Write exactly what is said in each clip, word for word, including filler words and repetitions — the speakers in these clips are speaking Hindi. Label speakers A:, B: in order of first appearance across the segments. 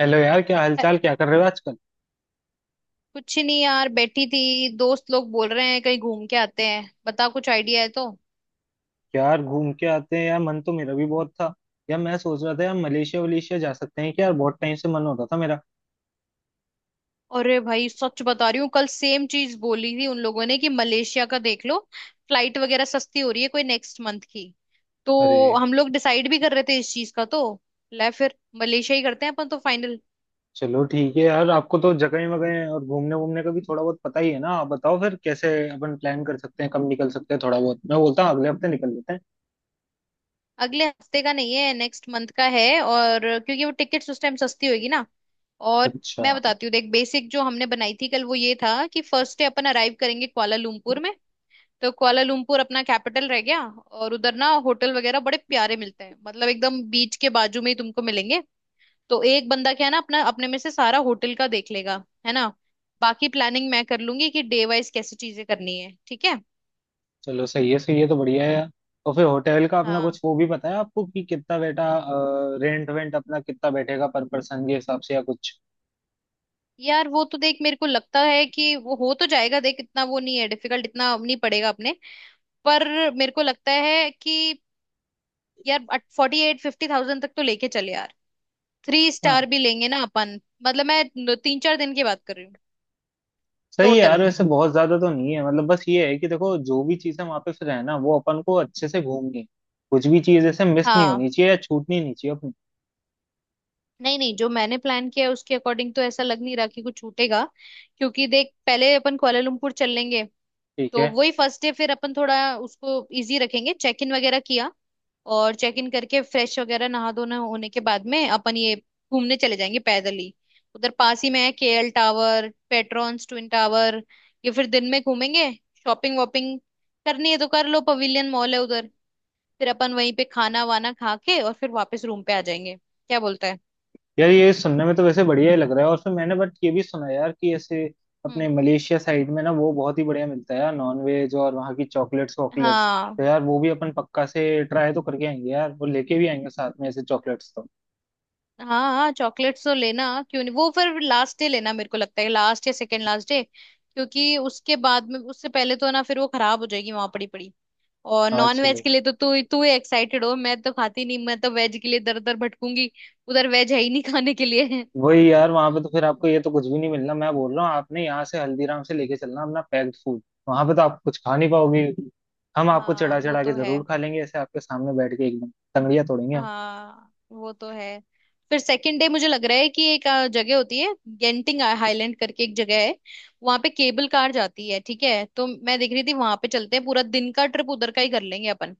A: हेलो यार, क्या हालचाल? क्या कर रहे हो आजकल?
B: कुछ नहीं यार, बैठी थी। दोस्त लोग बोल रहे हैं कहीं घूम के आते हैं, बता कुछ आइडिया है तो।
A: यार घूम के आते हैं, यार मन तो मेरा भी बहुत था। यार मैं सोच रहा था, यार मलेशिया वलेशिया जा सकते हैं क्या यार? बहुत टाइम से मन हो रहा था मेरा।
B: अरे भाई, सच बता रही हूँ, कल सेम चीज बोली थी उन लोगों ने कि मलेशिया का देख लो। फ्लाइट वगैरह सस्ती हो रही है कोई नेक्स्ट मंथ की।
A: अरे,
B: तो हम लोग डिसाइड भी कर रहे थे इस चीज का। तो ले फिर, मलेशिया ही करते हैं अपन, तो फाइनल।
A: चलो ठीक है यार। आपको तो जगह वगैरह और घूमने वूमने का भी थोड़ा बहुत पता ही है ना। आप बताओ फिर कैसे अपन प्लान कर सकते हैं, कब निकल सकते हैं। थोड़ा बहुत मैं बोलता हूँ अगले हफ्ते निकल लेते हैं।
B: अगले हफ्ते का नहीं है, नेक्स्ट मंथ का है। और क्योंकि वो टिकट्स उस टाइम सस्ती होगी ना। और
A: अच्छा,
B: मैं बताती हूँ देख, बेसिक जो हमने बनाई थी कल, वो ये था कि फर्स्ट डे अपन अराइव करेंगे कुआलालंपुर में। तो कुआलालंपुर अपना कैपिटल रह गया, और उधर ना होटल वगैरह बड़े प्यारे मिलते हैं, मतलब एकदम बीच के बाजू में ही तुमको मिलेंगे। तो एक बंदा क्या है ना, अपना अपने में से सारा होटल का देख लेगा, है ना। बाकी प्लानिंग मैं कर लूंगी कि डे वाइज कैसी चीजें करनी है, ठीक है।
A: चलो सही है, सही है तो। बढ़िया है यार। और फिर होटल का अपना
B: हाँ।
A: कुछ वो भी पता है आपको कि कितना बेटा रेंट वेंट अपना कितना बैठेगा पर पर्सन के हिसाब से या कुछ?
B: यार वो तो देख, मेरे को लगता है कि वो हो तो जाएगा, देख इतना वो नहीं है डिफिकल्ट, इतना नहीं पड़ेगा अपने। पर मेरे को लगता है कि यार फोर्टी एट फिफ्टी थाउजेंड तक तो लेके चले यार। थ्री स्टार भी लेंगे ना अपन। मतलब मैं तीन चार दिन की बात कर रही हूँ,
A: सही है
B: टोटल।
A: यार, वैसे बहुत ज्यादा तो नहीं है। मतलब बस ये है कि देखो, जो भी चीजें वहां पे फिर है ना, वो अपन को अच्छे से घूमनी है। कुछ भी चीज ऐसे मिस नहीं
B: हाँ।
A: होनी चाहिए या छूटनी नहीं चाहिए अपनी।
B: नहीं नहीं, जो मैंने प्लान किया है उसके अकॉर्डिंग तो ऐसा लग नहीं रहा कि कुछ छूटेगा। क्योंकि देख पहले अपन कुआलालंपुर चल लेंगे।
A: ठीक
B: तो
A: है।
B: वही फर्स्ट डे फिर अपन थोड़ा उसको इजी रखेंगे, चेक इन वगैरह किया। और चेक इन करके फ्रेश वगैरह नहा धोना होने के बाद में अपन ये घूमने चले जाएंगे पैदल ही। उधर पास ही में है के L tower, Petronas twin tower. ये फिर दिन में घूमेंगे। शॉपिंग वॉपिंग करनी है तो कर लो, पवेलियन मॉल है उधर। फिर अपन वहीं पे खाना वाना खा के और फिर वापस रूम पे आ जाएंगे, क्या बोलता
A: यार ये सुनने में तो वैसे बढ़िया ही लग रहा है। और फिर मैंने बट ये भी सुना यार कि ऐसे अपने
B: है।
A: मलेशिया साइड में ना वो बहुत ही बढ़िया मिलता है यार, नॉन वेज। और वहाँ की चॉकलेट्स वॉकलेट्स, तो
B: हाँ।
A: यार वो भी अपन पक्का से ट्राई तो करके आएंगे यार। वो लेके भी आएंगे साथ में ऐसे चॉकलेट्स तो।
B: हाँ, हाँ चॉकलेट्स तो लेना, क्यों नहीं। वो फिर लास्ट डे लेना, मेरे को लगता है लास्ट या सेकेंड लास्ट डे, क्योंकि उसके बाद में, उससे पहले तो ना फिर वो खराब हो जाएगी वहां पड़ी पड़ी। और
A: हाँ,
B: नॉन वेज
A: चलो।
B: के लिए तो तू तू ही एक्साइटेड हो, मैं तो खाती नहीं, मैं तो वेज के लिए दर दर भटकूंगी। उधर वेज है ही नहीं खाने के लिए।
A: वही यार, वहां पे तो फिर आपको ये तो कुछ भी नहीं मिलना। मैं बोल रहा हूँ आपने यहाँ से हल्दीराम से लेके चलना अपना पैक्ड फूड। वहां पे तो आप कुछ खा नहीं पाओगे। हम आपको
B: हाँ
A: चढ़ा
B: वो
A: चढ़ा के
B: तो है।
A: जरूर खा लेंगे ऐसे आपके सामने बैठ के एकदम। तंगड़िया तोड़ेंगे हम।
B: हाँ वो तो है। फिर सेकंड डे मुझे लग रहा है कि एक अ, जगह होती है, गेंटिंग हाईलैंड करके एक जगह है। वहां पे केबल कार जाती है, ठीक है, तो मैं देख रही थी वहां पे चलते हैं, पूरा दिन का ट्रिप उधर का ही कर लेंगे अपन।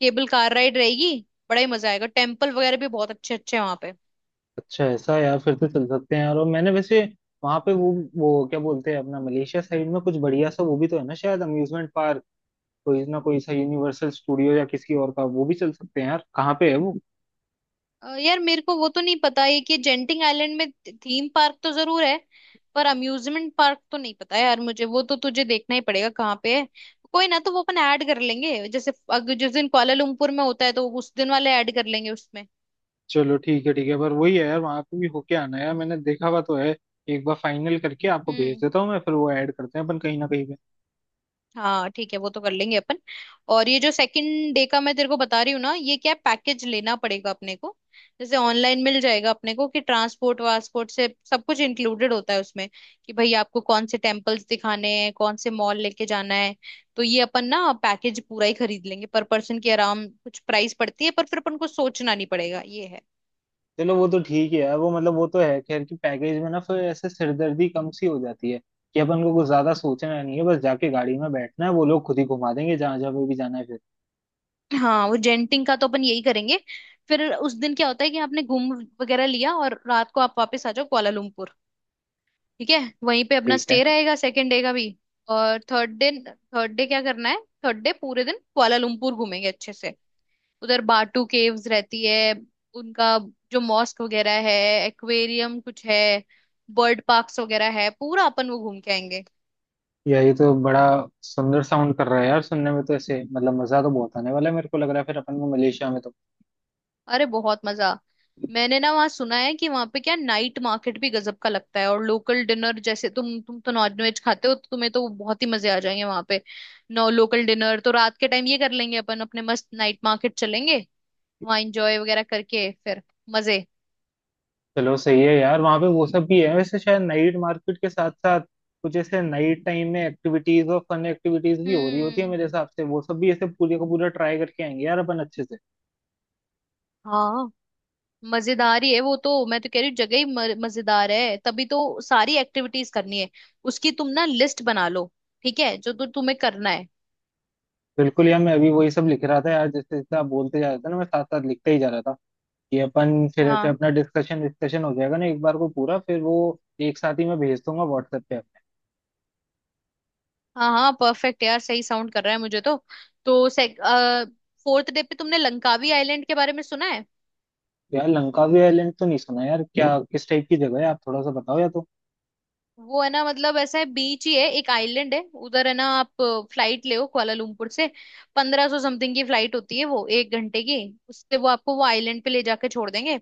B: केबल कार राइड रहेगी, बड़ा ही मजा आएगा। टेम्पल वगैरह भी बहुत अच्छे अच्छे हैं वहां पे।
A: अच्छा ऐसा है, यार फिर तो चल सकते हैं यार। और मैंने वैसे वहां पे वो वो क्या बोलते हैं अपना मलेशिया साइड में कुछ बढ़िया सा वो भी तो है ना शायद, अम्यूजमेंट पार्क। कोई ना कोई सा यूनिवर्सल स्टूडियो या किसी और का, वो भी चल सकते हैं यार। कहाँ पे है वो?
B: अ, यार मेरे को वो तो नहीं पता है कि जेंटिंग आइलैंड में थीम पार्क तो जरूर है, पर अम्यूजमेंट पार्क तो नहीं पता यार मुझे, वो तो तुझे देखना ही पड़ेगा कहाँ पे है। कोई ना, तो वो अपन ऐड कर लेंगे, जैसे अग, जिस दिन कुआलालंपुर में होता है तो उस दिन वाले ऐड कर लेंगे उसमें।
A: चलो ठीक है, ठीक है। पर वही है यार, वहां पे भी होके आना है यार, मैंने देखा हुआ तो है। एक बार फाइनल करके आपको भेज
B: हम्म।
A: देता हूँ मैं, फिर वो ऐड करते हैं अपन कहीं ना कहीं पे।
B: हाँ ठीक है, वो तो कर लेंगे अपन। और ये जो सेकंड डे का मैं तेरे को बता रही हूँ ना, ये क्या, पैकेज लेना पड़ेगा अपने को। जैसे ऑनलाइन मिल जाएगा अपने को कि ट्रांसपोर्ट वासपोर्ट से सब कुछ इंक्लूडेड होता है उसमें, कि भाई आपको कौन से टेम्पल्स दिखाने हैं, कौन से मॉल लेके जाना है। तो ये अपन ना पैकेज पूरा ही खरीद लेंगे, पर पर्सन की आराम कुछ प्राइस पड़ती है, पर फिर अपन को सोचना नहीं पड़ेगा, ये है।
A: चलो वो तो ठीक है यार। वो मतलब वो तो है खैर कि पैकेज में ना फिर ऐसे सिरदर्दी कम सी हो जाती है। कि अपन को कुछ ज्यादा सोचना नहीं है, बस जाके गाड़ी में बैठना है, वो लोग खुद ही घुमा देंगे जहां जहाँ पे भी जाना है फिर।
B: हाँ वो जेंटिंग का तो अपन यही करेंगे। फिर उस दिन क्या होता है कि आपने घूम वगैरह लिया और रात को आप वापस आ जाओ कुआलालंपुर, ठीक है। वहीं पे अपना
A: ठीक है।
B: स्टे रहेगा सेकेंड डे का भी। और थर्ड डे, थर्ड डे क्या करना है, थर्ड डे पूरे दिन कुआलालंपुर घूमेंगे अच्छे से। उधर बाटू केव्स रहती है उनका, जो मॉस्क वगैरह है, एक्वेरियम कुछ है, बर्ड पार्क्स वगैरह है, पूरा अपन वो घूम के आएंगे।
A: यार ये तो बड़ा सुंदर साउंड कर रहा है यार सुनने में तो। ऐसे मतलब मजा तो बहुत आने वाला है, मेरे को लग रहा है फिर अपन को मलेशिया में तो।
B: अरे बहुत मजा। मैंने ना वहाँ सुना है कि वहाँ पे क्या नाइट मार्केट भी गजब का लगता है, और लोकल डिनर, जैसे तुम तुम तो नॉन वेज खाते हो तो तुम्हें तो बहुत ही मजे आ जाएंगे वहाँ पे। नो, लोकल डिनर तो रात के टाइम ये कर लेंगे अपन, अपने मस्त नाइट मार्केट चलेंगे, वहाँ एंजॉय वगैरह करके फिर, मजे।
A: चलो सही है यार। वहाँ पे वो सब भी है वैसे शायद नाइट मार्केट के साथ साथ कुछ ऐसे नाइट टाइम में एक्टिविटीज और फन एक्टिविटीज भी हो रही होती है
B: हम्म।
A: मेरे हिसाब से। वो सब भी ऐसे पूरे का पूरा ट्राई करके आएंगे यार अपन अच्छे से।
B: हाँ, मजेदार ही है वो तो, मैं तो कह रही हूँ जगह ही म- मजेदार है तभी तो। सारी एक्टिविटीज करनी है उसकी, तुम ना लिस्ट बना लो, ठीक है, जो तो तुम्हें करना है।
A: बिल्कुल यार, मैं अभी वही सब लिख रहा था यार। जैसे जैसे आप बोलते जा रहे थे ना, मैं साथ साथ लिखते ही जा रहा था। ये अपन फिर ऐसे
B: हाँ।
A: अपना डिस्कशन डिस्कशन हो जाएगा ना एक बार को पूरा फिर वो। एक साथ ही मैं भेज दूंगा व्हाट्सएप पे अपने।
B: हाँ हाँ परफेक्ट यार, सही साउंड कर रहा है मुझे तो। तो फोर्थ डे पे तुमने लंकावी आइलैंड के बारे में सुना है?
A: यार लंकावी आइलैंड तो नहीं सुना यार। क्या किस टाइप की जगह है, आप थोड़ा सा बताओ या तो।
B: वो है ना, मतलब ऐसा है बीच ही है, एक आइलैंड है उधर, है ना। आप फ्लाइट ले हो कुआलालंपुर से, पंद्रह सौ समथिंग की फ्लाइट होती है वो, एक घंटे की। उससे वो आपको वो आइलैंड पे ले जाके छोड़ देंगे।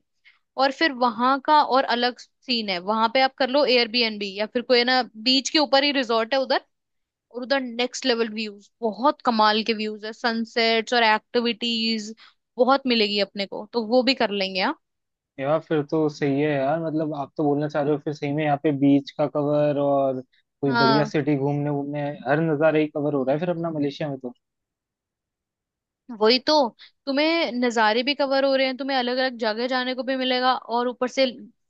B: और फिर वहां का और अलग सीन है, वहां पे आप कर लो एयर बी एन बी या फिर कोई है ना, बीच के ऊपर ही रिजॉर्ट है उधर। और उधर नेक्स्ट लेवल व्यूज, बहुत कमाल के व्यूज है, सनसेट्स, और एक्टिविटीज बहुत मिलेगी अपने को, तो वो भी कर लेंगे, हाँ।
A: यार फिर तो सही है यार। मतलब आप तो बोलना चाह रहे हो फिर सही में यहाँ पे बीच का कवर और कोई बढ़िया
B: हाँ
A: सिटी घूमने घूमने, हर नज़ारा ही कवर हो रहा है फिर अपना मलेशिया में तो।
B: वही तो, तुम्हें नज़ारे भी कवर हो रहे हैं, तुम्हें अलग अलग जगह जाने को भी मिलेगा, और ऊपर से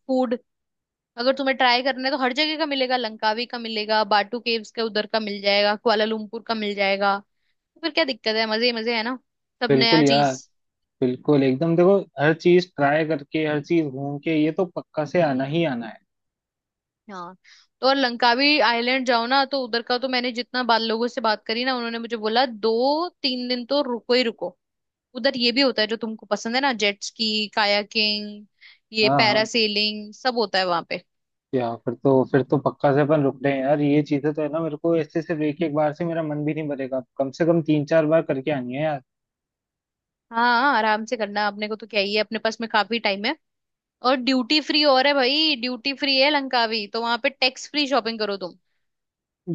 B: फूड, अगर तुम्हें ट्राई करना है तो हर जगह का मिलेगा, लंकावी का मिलेगा, बाटू केव्स का उधर का मिल जाएगा, कुआलालंपुर का मिल जाएगा। तो फिर क्या दिक्कत है, मजे ही मजे है ना, सब नया
A: बिल्कुल यार,
B: चीज।
A: बिल्कुल एकदम। देखो, हर चीज ट्राई करके हर चीज घूम के ये तो पक्का से आना ही
B: हम्म।
A: आना है।
B: हाँ तो और, लंकावी आइलैंड जाओ ना तो उधर का तो मैंने जितना बाल लोगों से बात करी ना, उन्होंने मुझे बोला दो तीन दिन तो रुको ही रुको। उधर ये भी होता है जो तुमको पसंद है ना, जेट स्की, कायाकिंग, ये
A: हाँ हाँ,
B: पैरासेलिंग, सब होता है वहां पे।
A: यार फिर तो, फिर तो पक्का से अपन रुक रहे हैं यार। ये चीजें तो है ना, मेरे को ऐसे सिर्फ एक एक बार से मेरा मन भी नहीं भरेगा, कम से कम तीन चार बार करके आनी है यार।
B: हाँ। हाँ, आराम से करना अपने को तो, क्या ही है, अपने पास में काफी टाइम है। और ड्यूटी फ्री, और है भाई ड्यूटी फ्री है लंकावी, तो वहां पे टैक्स फ्री शॉपिंग करो तुम।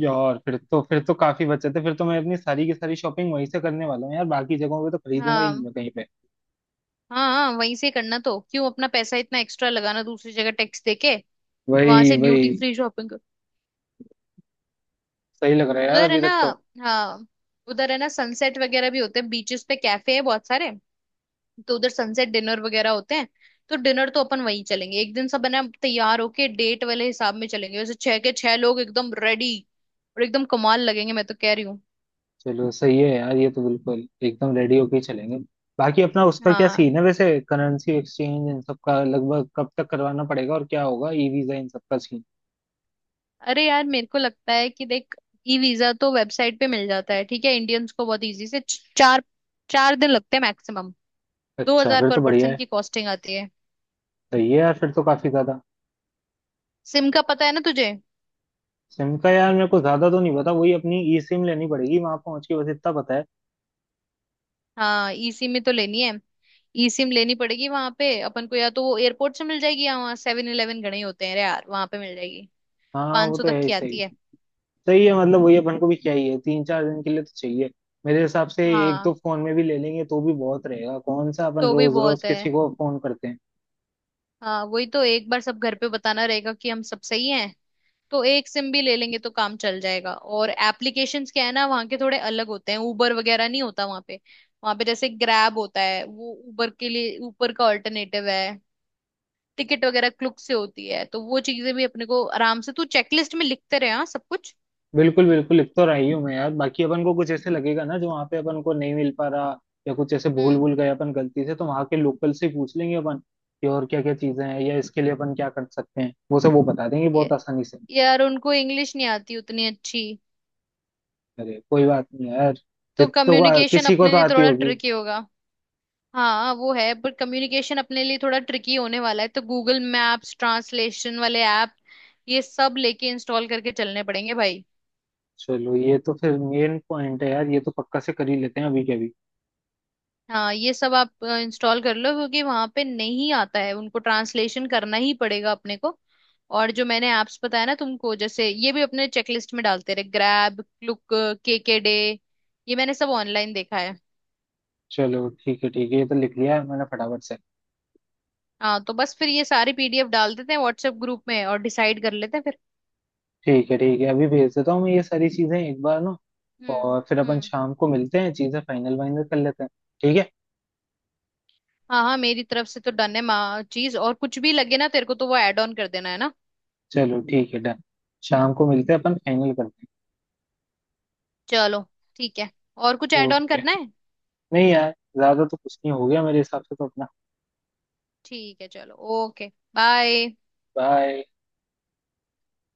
A: यार फिर तो, फिर तो काफी बचत है। फिर तो मैं अपनी सारी की सारी शॉपिंग वहीं से करने वाला हूँ यार, बाकी जगहों पे तो खरीदूंगा ही नहीं
B: हाँ।
A: मैं कहीं पे।
B: हाँ, हाँ वहीं से करना, तो क्यों अपना पैसा इतना एक्स्ट्रा लगाना दूसरी जगह टैक्स देके, वहां
A: वही
B: से
A: वही।
B: Duty free shopping.
A: सही लग रहा है यार
B: उधर है
A: अभी
B: ना।
A: तक तो।
B: हाँ उधर है ना, सनसेट वगैरह भी होते हैं बीचेस पे, कैफे है बहुत सारे, तो उधर सनसेट डिनर वगैरह होते हैं। तो डिनर तो अपन वहीं चलेंगे एक दिन, सब है ना तैयार होके डेट वाले हिसाब में चलेंगे, वैसे छह के छह लोग एकदम रेडी और एकदम कमाल लगेंगे, मैं तो कह रही हूँ।
A: चलो सही है यार, ये तो बिल्कुल एकदम रेडी होके ही चलेंगे। बाकी अपना उसका क्या
B: हाँ।
A: सीन है वैसे, करेंसी एक्सचेंज इन सब का लगभग कब तक करवाना पड़ेगा? और क्या होगा ई वीजा इन सब का सीन?
B: अरे यार मेरे को लगता है कि देख, ई वीजा तो वेबसाइट पे मिल जाता है, ठीक है, इंडियंस को बहुत इजी से, च- चार चार दिन लगते हैं मैक्सिमम। दो
A: अच्छा,
B: हजार
A: फिर
B: पर
A: तो बढ़िया
B: पर्सन
A: है।
B: की कॉस्टिंग आती है।
A: सही है यार, फिर तो काफी ज्यादा।
B: सिम का पता है ना तुझे?
A: सिम का यार मेरे को ज्यादा तो नहीं पता, वही अपनी ई सिम लेनी पड़ेगी वहां पहुंच के, बस इतना पता है।
B: हाँ ई सिम में तो लेनी है, ई सिम लेनी पड़ेगी वहां पे अपन को, या तो वो एयरपोर्ट से मिल जाएगी, या वहाँ सेवन इलेवन गणे होते हैं रे यार, वहां पे मिल जाएगी।
A: हाँ, वो
B: पाँच सौ
A: तो
B: तक
A: है ही
B: की
A: सही।
B: आती है।
A: सही है, मतलब वही अपन को भी चाहिए, तीन चार दिन के लिए तो चाहिए मेरे हिसाब से। एक
B: हाँ
A: दो फोन में भी ले लेंगे तो भी बहुत रहेगा, कौन सा अपन
B: तो भी
A: रोज रोज
B: बहुत है।
A: किसी को फोन करते हैं।
B: हाँ वही तो, एक बार सब घर पे बताना रहेगा कि हम सब सही हैं, तो एक सिम भी ले लेंगे तो काम चल जाएगा। और एप्लीकेशंस क्या है ना वहाँ के थोड़े अलग होते हैं, उबर वगैरह नहीं होता वहाँ पे। वहाँ पे जैसे ग्रैब होता है वो, उबर के लिए ऊबर का ऑल्टरनेटिव है। टिकट वगैरह क्लुक से होती है, तो वो चीजें भी अपने को आराम से तू चेकलिस्ट में लिखते रहे, हाँ सब कुछ।
A: बिल्कुल बिल्कुल, लिख तो रही हूँ मैं यार। बाकी अपन को कुछ ऐसे लगेगा ना जो वहाँ पे अपन को नहीं मिल पा रहा, या कुछ ऐसे भूल
B: हम्म।
A: भूल गए अपन गलती से, तो वहाँ के लोकल से ही पूछ लेंगे अपन। कि और क्या क्या चीजें हैं या इसके लिए अपन क्या कर सकते हैं, वो सब वो बता देंगे
B: ये-
A: बहुत आसानी से।
B: यार उनको इंग्लिश नहीं आती उतनी अच्छी,
A: अरे कोई बात नहीं यार।
B: तो
A: जितनों को,
B: कम्युनिकेशन
A: किसी को
B: अपने
A: तो
B: लिए
A: आती
B: थोड़ा
A: होगी।
B: ट्रिकी होगा। हाँ वो है पर कम्युनिकेशन अपने लिए थोड़ा ट्रिकी होने वाला है, तो गूगल मैप्स, ट्रांसलेशन वाले ऐप, ये सब लेके इंस्टॉल करके चलने पड़ेंगे भाई।
A: चलो ये तो फिर मेन पॉइंट है यार, ये तो पक्का से कर ही लेते हैं अभी के अभी।
B: हाँ ये सब आप इंस्टॉल कर लो, क्योंकि वहां पे नहीं आता है उनको, ट्रांसलेशन करना ही पड़ेगा अपने को। और जो मैंने ऐप्स बताया ना तुमको, जैसे ये भी अपने चेकलिस्ट में डालते रहे, ग्रैब, क्लुक, के के डे, ये मैंने सब ऑनलाइन देखा है।
A: चलो ठीक है, ठीक है, ये तो लिख लिया है मैंने फटाफट से।
B: हाँ तो बस फिर ये सारी पी डी एफ डाल देते हैं व्हाट्सएप ग्रुप में और डिसाइड कर लेते हैं फिर।
A: ठीक है, ठीक है, अभी भेज देता हूँ मैं ये सारी चीजें एक बार ना।
B: हम्म।
A: और फिर अपन
B: हम्म,
A: शाम को मिलते हैं, चीजें फाइनल वाइनल कर लेते हैं। ठीक है।
B: हाँ हाँ मेरी तरफ से तो डन है माँ चीज, और कुछ भी लगे ना तेरे को तो वो ऐड ऑन कर देना है ना।
A: चलो ठीक है, डन। शाम को मिलते हैं अपन फाइनल करते
B: चलो ठीक है। और कुछ
A: हैं।
B: ऐड ऑन
A: ओके,
B: करना है?
A: नहीं यार, ज्यादा तो कुछ नहीं हो गया मेरे हिसाब से तो अपना।
B: ठीक है चलो। ओके। बाय।
A: बाय।